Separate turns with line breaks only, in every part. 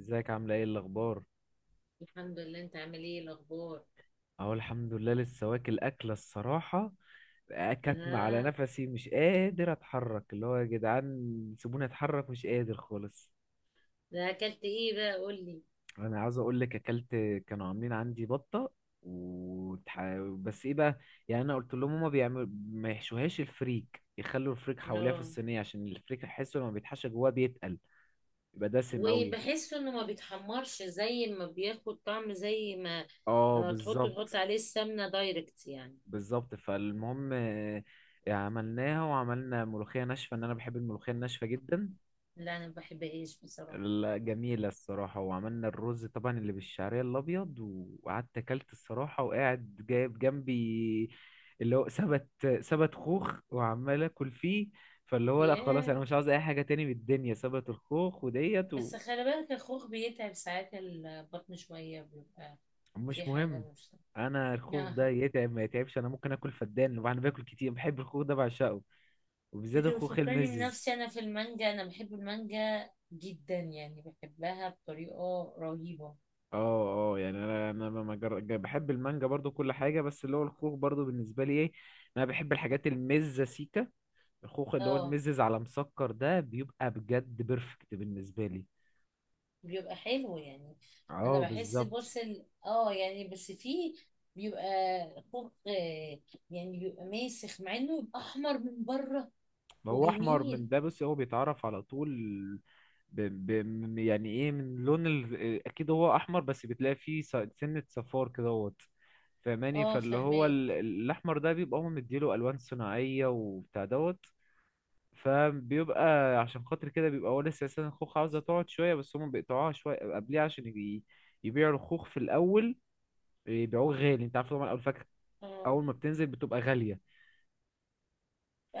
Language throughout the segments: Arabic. ازيك عاملة ايه الأخبار؟
الحمد لله. انت عامل ايه الاخبار؟
أهو الحمد لله لسه واكل أكلة الصراحة. كاتمة على
اه،
نفسي، مش قادر أتحرك، اللي هو يا جدعان سيبوني أتحرك، مش قادر خالص.
ده اكلت ايه بقى؟ قول لي.
أنا عاوز أقول لك أكلت، كانوا عاملين عندي بطة وتح... بس ايه بقى، يعني أنا قلت لهم هما بيعملوا ما يحشوهاش الفريك، يخلوا الفريك حواليها في
اه،
الصينية، عشان الفريك أحسه لما بيتحشى جواه بيتقل، يبقى دسم أوي.
وبحسه انه ما بيتحمرش زي ما بياخد طعم زي ما
اه
لما تحطه تحط
بالظبط.
عليه السمنه دايركت يعني.
بالظبط فالمهم عملناها وعملنا ملوخية ناشفة، ان انا بحب الملوخية الناشفة جدا.
لا، انا ما بحبهاش بصراحه.
لا، جميلة الصراحة، وعملنا الرز طبعا اللي بالشعرية الابيض. وقعدت اكلت الصراحة، وقاعد جايب جنبي اللي هو سبت خوخ وعمال اكل فيه. فاللي هو لا خلاص، انا
ياه،
مش عاوز اي حاجة تاني من الدنيا، سبت الخوخ وديت.
بس خلي بالك الخوخ بيتعب ساعات، البطن شويه بيبقى في
ومش
حاجه
مهم،
مش...
انا الخوخ ده
آه.
يتعب ما يتعبش، انا ممكن اكل فدان، وانا باكل كتير بحب الخوخ ده بعشقه. وبالذات
انت
الخوخ
بتفكرني
المزز.
بنفسي، انا في المانجا، انا بحب المانجا جدا، يعني بحبها بطريقه رهيبه.
اه اه يعني انا ما- ما جر- ج- بحب المانجا برضو كل حاجه، بس اللي هو الخوخ برضو بالنسبه لي ايه، انا بحب الحاجات المزه سيكا. الخوخ اللي هو
اه،
المزز على مسكر ده بيبقى بجد بيرفكت بالنسبه لي.
بيبقى حلو يعني. انا
اه
بحس
بالظبط.
بورسل، يعني بس فيه بيبقى خوخ، يعني بيبقى ماسخ مع انه يبقى احمر من بره
هو احمر من
وجميل.
ده، بس هو بيتعرف على طول. ب... يعني ايه من لون اكيد هو احمر، بس بتلاقي فيه سنه صفار كدهوت، فاهماني.
اه،
فاللي هو
فهماك.
ال- الاحمر ده بيبقى هو مديله الوان صناعيه وبتاع دوت. فبيبقى عشان خاطر كده بيبقى هو لسه اساسا الخوخ عاوزه تقعد شويه، بس هم بيقطعوها شويه قبليها عشان يبيعوا الخوخ في الاول، يبيعوه غالي. انت عارف طبعا اول فاكهه
اه،
اول ما بتنزل بتبقى غاليه.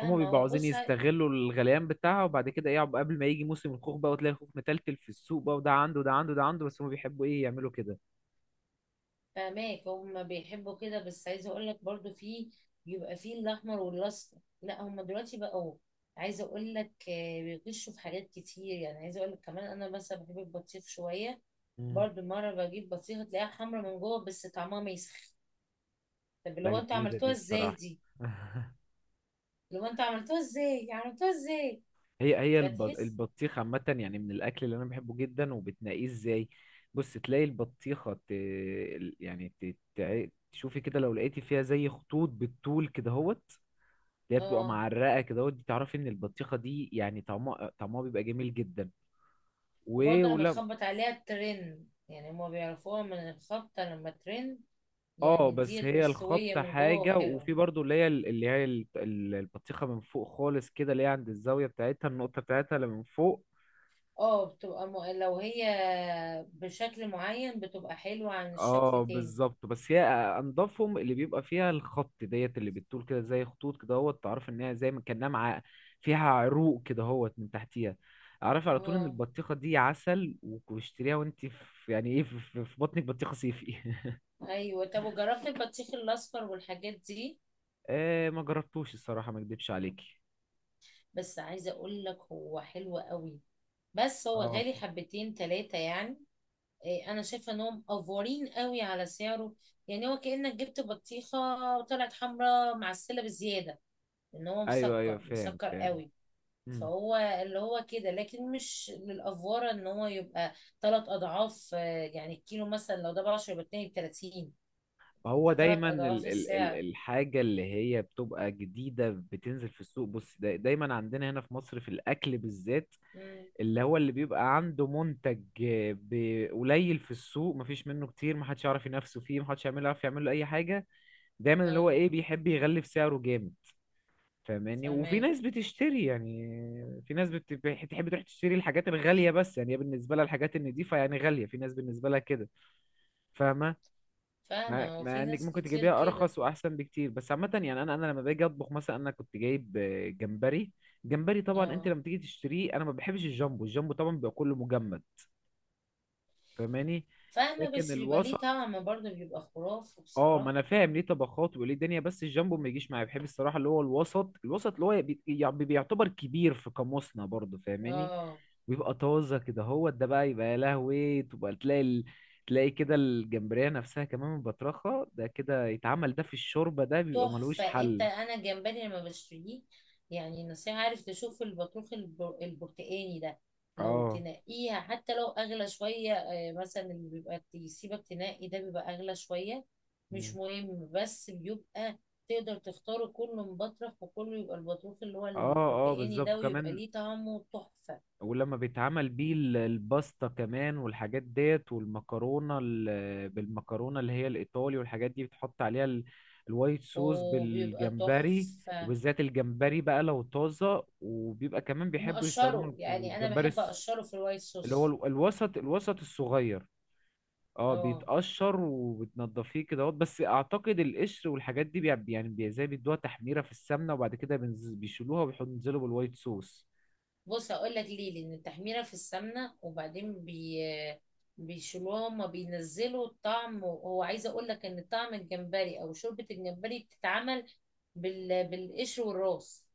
فهم بيبقوا
هو
عاوزين
بص
يستغلوا الغليان بتاعها، وبعد كده ايه قبل ما يجي موسم الخوخ بقى، وتلاقي الخوخ متلتل في السوق بقى، وده عنده وده عنده وده عنده، بس هم بيحبوا ايه يعملوا كده.
فهماك، هما بيحبوا كده، بس عايزة اقول لك برضو فيه بيبقى فيه الاحمر والاصفر. لا، هما دلوقتي بقوا عايزة اقول لك، بيغشوا في حاجات كتير، يعني عايزة اقول لك كمان انا مثلا بحب البطيخ شوية.
مم.
برضو مرة بجيب بطيخة تلاقيها حمرا من جوه بس طعمها ماسخ. طب اللي
لا
هو انتوا
جديده دي
عملتوها ازاي
الصراحه.
دي؟ اللي هو انتوا عملتوها ازاي؟ عملتوها ازاي؟
هي
فتحس؟
البطيخ عامة، يعني من الأكل اللي أنا بحبه جدا، وبتنقيه إزاي؟ بص تلاقي البطيخة ت... ال- يعني ت... تع- تشوفي كده لو لقيتي فيها زي خطوط بالطول كده هوت، اللي هي بتبقى
اه،
معرقة كده هوت، دي تعرفي إن البطيخة دي يعني طعمها طعمها بيبقى جميل جدا. و...
وبرضه لما
ولا
تخبط عليها الترن، يعني هما بيعرفوها من الخبطة لما ترن.
اه
يعني
بس
ديت
هي
مستوية
الخبطة
من جوه
حاجة،
وحلوة.
وفي برضو اللي هي البطيخة من فوق خالص كده، اللي هي عند الزاوية بتاعتها، النقطة بتاعتها اللي من فوق.
اه، بتبقى لو هي بشكل معين بتبقى حلوة عن
اه
الشكل تاني.
بالظبط. بس هي انضفهم اللي بيبقى فيها الخط ديت اللي بتطول كده زي خطوط كده اهوت، تعرف ان هي زي ما كانها مع فيها عروق كده اهوت من تحتيها، اعرف على طول ان
اه،
البطيخه دي عسل. واشتريها وانت في يعني ايه في بطنك بطيخه صيفي.
ايوه. طب وجربت البطيخ الاصفر والحاجات دي؟
آه ما جربتوش الصراحه، ما اكدبش عليكي.
بس عايزة اقول لك هو حلو قوي، بس هو
اه
غالي حبتين تلاتة يعني. إيه، انا شايفه انهم افورين قوي على سعره، يعني هو كانك جبت بطيخه وطلعت حمراء معسله بزياده، ان هو
ايوه ايوه
مسكر
فاهم
مسكر
فاهم.
قوي.
مم.
فهو اللي هو كده، لكن مش للافوره ان هو يبقى ثلاث اضعاف. يعني الكيلو مثلا لو ده ب 10 يبقى اتنين ب 30.
ما هو
انت ثلاث
دايما ال
اضعاف
ال ال
السعر.
الحاجه اللي هي بتبقى جديده بتنزل في السوق، بص دا دايما عندنا هنا في مصر في الاكل بالذات،
امم
اللي هو اللي بيبقى عنده منتج قليل في السوق، مفيش منه كتير، محدش يعرف ينافسه فيه، محدش يعمل يعرف يعمل له اي حاجه، دايما اللي هو
اه،
ايه بيحب يغلف سعره جامد، فاهماني. وفي
فاهمه.
ناس بتشتري يعني، في ناس بتحب تروح تشتري الحاجات الغاليه، بس يعني هي بالنسبه لها الحاجات النضيفه يعني غاليه، في ناس بالنسبه لها كده، فاهمه.
فاهمه،
مع
هو
مع
في
انك
ناس
ممكن
كتير
تجيبيها
كده.
ارخص واحسن بكتير، بس عامه يعني انا لما باجي اطبخ مثلا انا كنت جايب جمبري. جمبري طبعا انت
اه،
لما تيجي تشتريه، انا ما بحبش الجامبو، الجامبو طبعا بيبقى كله مجمد، فاهماني،
فاهمه،
لكن
بس بيبقى ليه
الوسط.
طعم برضه بيبقى خرافي
اه ما
بصراحه.
انا فاهم ليه طبخات وليه دنيا، بس الجامبو ما يجيش معايا، بحب الصراحه اللي هو الوسط. الوسط اللي هو يعني بيعتبر كبير في قاموسنا برضه، فاهماني.
اه،
ويبقى طازه كده، هو ده بقى يبقى يا لهوي. تبقى تلاقي تلاقي كده الجمبريه نفسها، كمان من بطرخه ده كده يتعمل ده في الشوربه، ده بيبقى ملوش
تحفة. انت
حل.
انا الجمبري لما بشتريه يعني نصيحة، عارف تشوف البطروخ البرتقاني ده، لو
اه.
تنقيها حتى لو اغلى شوية، مثلا اللي بيبقى يسيبك تنقي ده بيبقى اغلى شوية، مش
مم.
مهم، بس بيبقى تقدر تختاره كله مبطرخ وكله يبقى البطروخ اللي هو
اه اه
البرتقاني
بالظبط
ده ويبقى
كمان.
ليه طعمه تحفة.
ولما بيتعمل بيه الباستا كمان والحاجات ديت، والمكرونة بالمكرونة اللي هي الإيطالي، والحاجات دي بتحط عليها الوايت صوص
وبيبقى
بالجمبري.
تحفة
وبالذات الجمبري بقى لو طازة، وبيبقى كمان بيحبوا
ومقشره،
يستخدموا
يعني انا
الجمبري
بحب اقشره في الوايت
اللي هو
صوص.
الوسط. الوسط الصغير اه
اه،
بيتقشر، وبتنضفيه كده اهوت. بس اعتقد القشر والحاجات دي زي بيدوها تحميرة في السمنة، وبعد كده بيشيلوها بينزلوا بالوايت صوص.
بص هقول لك ليه. لان التحميره في السمنه وبعدين بيشيلوها، هما بينزلوا الطعم، وهو عايزه اقول لك ان طعم الجمبري او شوربه الجمبري بتتعمل بالقشر والراس.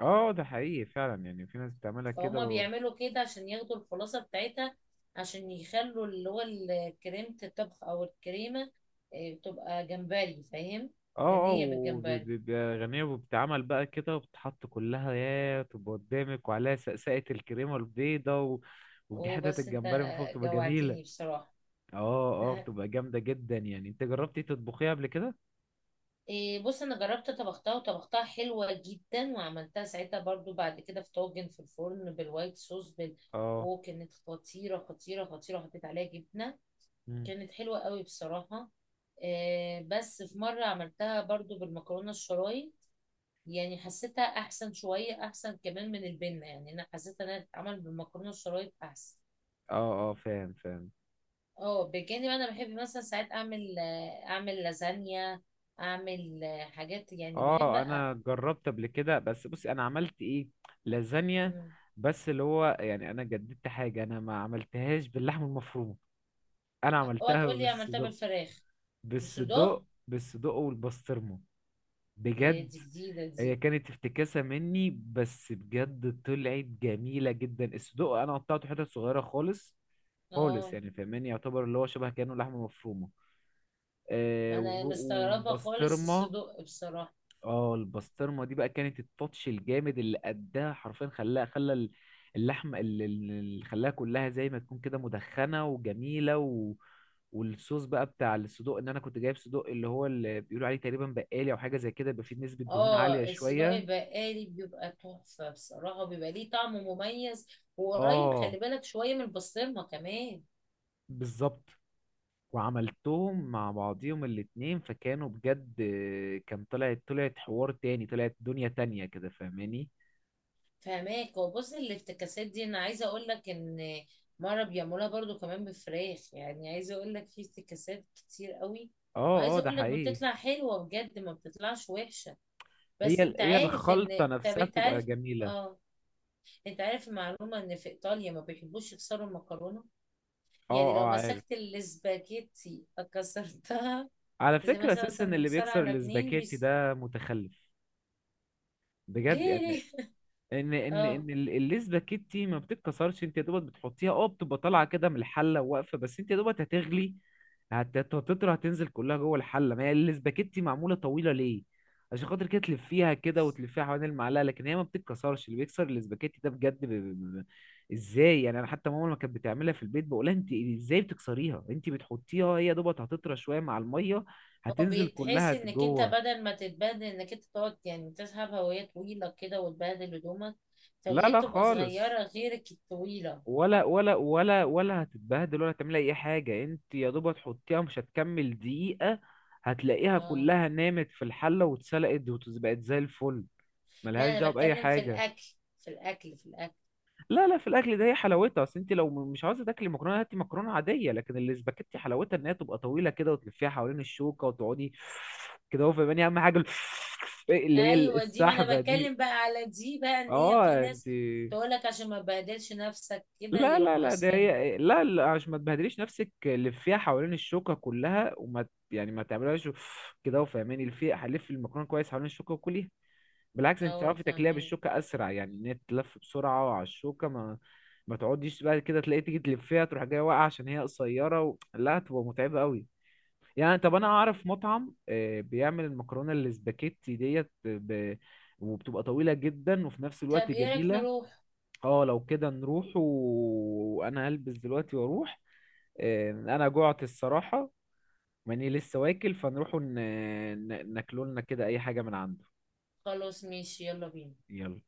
اه ده حقيقي فعلا، يعني في ناس بتعملها كده
فهما بيعملوا كده عشان ياخدوا الخلاصه بتاعتها، عشان يخلوا اللي هو كريمه الطبخ او الكريمه، إيه، تبقى جمبري، فاهم؟
اه اه.
غنيه بالجمبري.
وبيبقى غنية وبتتعمل بقى كده، وبتحط كلها يا تبقى قدامك وعليها سقسقة الكريمة البيضة ودي حتت
وبس انت،
الجمبري من فوق بتبقى جميلة.
جوعتني بصراحه.
اه اه بتبقى جامدة جدا، يعني انت جربتي تطبخيها قبل كده؟
إيه، بص انا جربت طبختها وطبختها حلوه جدا، وعملتها ساعتها برضو بعد كده في طاجن في الفرن بالوايت صوص
اه.
وكانت خطيره خطيره خطيره، حطيت عليها جبنه.
مم.
كانت حلوه قوي بصراحه. إيه، بس في مره عملتها برضو بالمكرونه الشرايط، يعني حسيتها احسن شويه احسن كمان من البنه، يعني انا حسيت انها تتعمل بالمكرونه الشرايط احسن.
اه اه فاهم فاهم.
اه، بجانب انا بحب مثلا ساعات اعمل، اعمل لازانيا، اعمل حاجات يعني بحب.
اه انا جربت قبل كده، بس بصي انا عملت ايه، لازانيا،
أ...
بس اللي هو يعني انا جددت حاجة، انا ما عملتهاش باللحمة المفرومة، انا
اوعى
عملتها
تقول لي
بس
عملتها بالفراخ؟ بالصدوق؟
بالصدق، بالصدق والبسطرمة.
يا
بجد
دي جديدة
هي
دي.
كانت افتكاسة مني، بس بجد طلعت جميلة جدا. الصدق انا قطعته حتت صغيرة خالص، خالص
اه،
يعني فاهماني، يعتبر اللي هو شبه كأنه لحمة مفرومة
ما انا مستغربة خالص
وبسطرمة.
الصدوق بصراحة.
اه البسطرمه دي بقى كانت التاتش الجامد اللي اداها، حرفيا خلاها خلى اللحمه اللي خلاها كلها زي ما تكون كده مدخنه وجميله والصوص بقى بتاع الصدوق، ان انا كنت جايب صدوق اللي هو اللي بيقولوا عليه تقريبا بقالي او حاجه زي كده، يبقى فيه نسبه دهون عاليه
اه، الصدوق
شويه.
البقالي بيبقى تحفة بصراحة، بيبقى ليه طعم مميز. وقريب
اه
خلي بالك شوية من البسطرمة كمان.
بالظبط. وعملتهم مع بعضيهم الاتنين فكانوا بجد، كان طلعت طلعت حوار تاني، طلعت دنيا تانية كده فاهماني.
فهماك. وبص الافتكاسات دي انا عايزة اقول لك ان مرة بيعملوها برضو كمان بفراخ، يعني عايزة اقول لك في افتكاسات كتير قوي،
اه اه
وعايزة
ده
اقول لك
حقيقي.
بتطلع حلوة بجد ما بتطلعش وحشة.
هي
بس انت
هي
عارف
الخلطة
ان، طب
نفسها
انت
بتبقى
عارف.
جميلة.
اه، انت عارف المعلومة ان في ايطاليا ما بيحبوش يكسروا المكرونة،
اه
يعني لو
اه عارف.
مسكت الاسباجيتي كسرتها،
على
زي
فكرة
مثلا
اساسا
مثلا
اللي
نكسرها
بيكسر
على اتنين
الاسباجيتي
بيس.
ده متخلف، بجد
ليه
يعني.
ليه؟
ان ان
اه،
ان ال- الاسباجيتي ما بتتكسرش، انت يا دوبك بتحطيها اه بتبقى طالعة كده من الحلة واقفة، بس انت يا دوبك هتغلي، هتطرى هتنزل كلها جوه الحله. ما هي الاسباجيتي معموله طويله ليه؟ عشان خاطر كده تلفيها كده وتلفيها حوالين المعلقه، لكن هي ما بتتكسرش. اللي بيكسر الاسباجيتي ده بجد ازاي يعني! انا حتى ماما لما كانت بتعملها في البيت بقولها انت ازاي بتكسريها، انت بتحطيها هي دوبت هتطرى شويه مع الميه،
هو
هتنزل كلها
بيتحس انك انت
جوه.
بدل ما تتبهدل انك انت تقعد يعني تسحب هواية طويلة كده وتبهدل هدومك،
لا
فليه
لا
بتبقى
خالص،
صغيرة غيرك الطويلة.
ولا ولا ولا ولا هتتبهدل ولا هتعمل اي حاجه، انت يا دوب هتحطيها مش هتكمل دقيقه، هتلاقيها
اه،
كلها نامت في الحله واتسلقت وبقت زي الفل،
لا،
ملهاش
انا
دعوه باي
بتكلم في
حاجه.
الاكل، في الاكل، في الاكل.
لا لا في الاكل ده هي حلاوتها، اصل انت لو مش عاوزه تاكلي مكرونه هاتي مكرونه عاديه، لكن الاسباجيتي حلاوتها ان هي تبقى طويله كده وتلفيها حوالين الشوكه وتقعدي كده، هو فاهماني اهم حاجه اللي هي
ايوه دي، ما انا
السحبه دي.
بتكلم بقى على دي بقى، ان هي في
اه انت.
ناس تقولك عشان ما تبهدلش نفسك كده
لا لا
يروحوا
لا ده
اسمنت.
هي، لا لا عشان ما تبهدليش نفسك لفيها حوالين الشوكة كلها، يعني ما تعملهاش كده، وفهماني لفي هلف المكرونة كويس حوالين الشوكة وكليها، بالعكس انت
اه،
تعرفي تاكليها
فاهمين.
بالشوكة اسرع، يعني ان هي تلف بسرعة على الشوكة، ما تقعديش بقى كده تلاقي تيجي تلفيها تروح جاية واقعة عشان هي قصيرة لا هتبقى متعبة قوي. يعني طب انا اعرف مطعم بيعمل المكرونة الاسباجيتي ديت وبتبقى طويلة جدا، وفي نفس الوقت
طب ايه رايك
جميلة.
نروح؟
اه لو كده نروح وانا هلبس دلوقتي واروح. انا جوعت الصراحة، ماني لسه واكل فنروح ناكلولنا كده اي حاجة من عنده.
خلاص ماشي، يلا بينا.
يلا.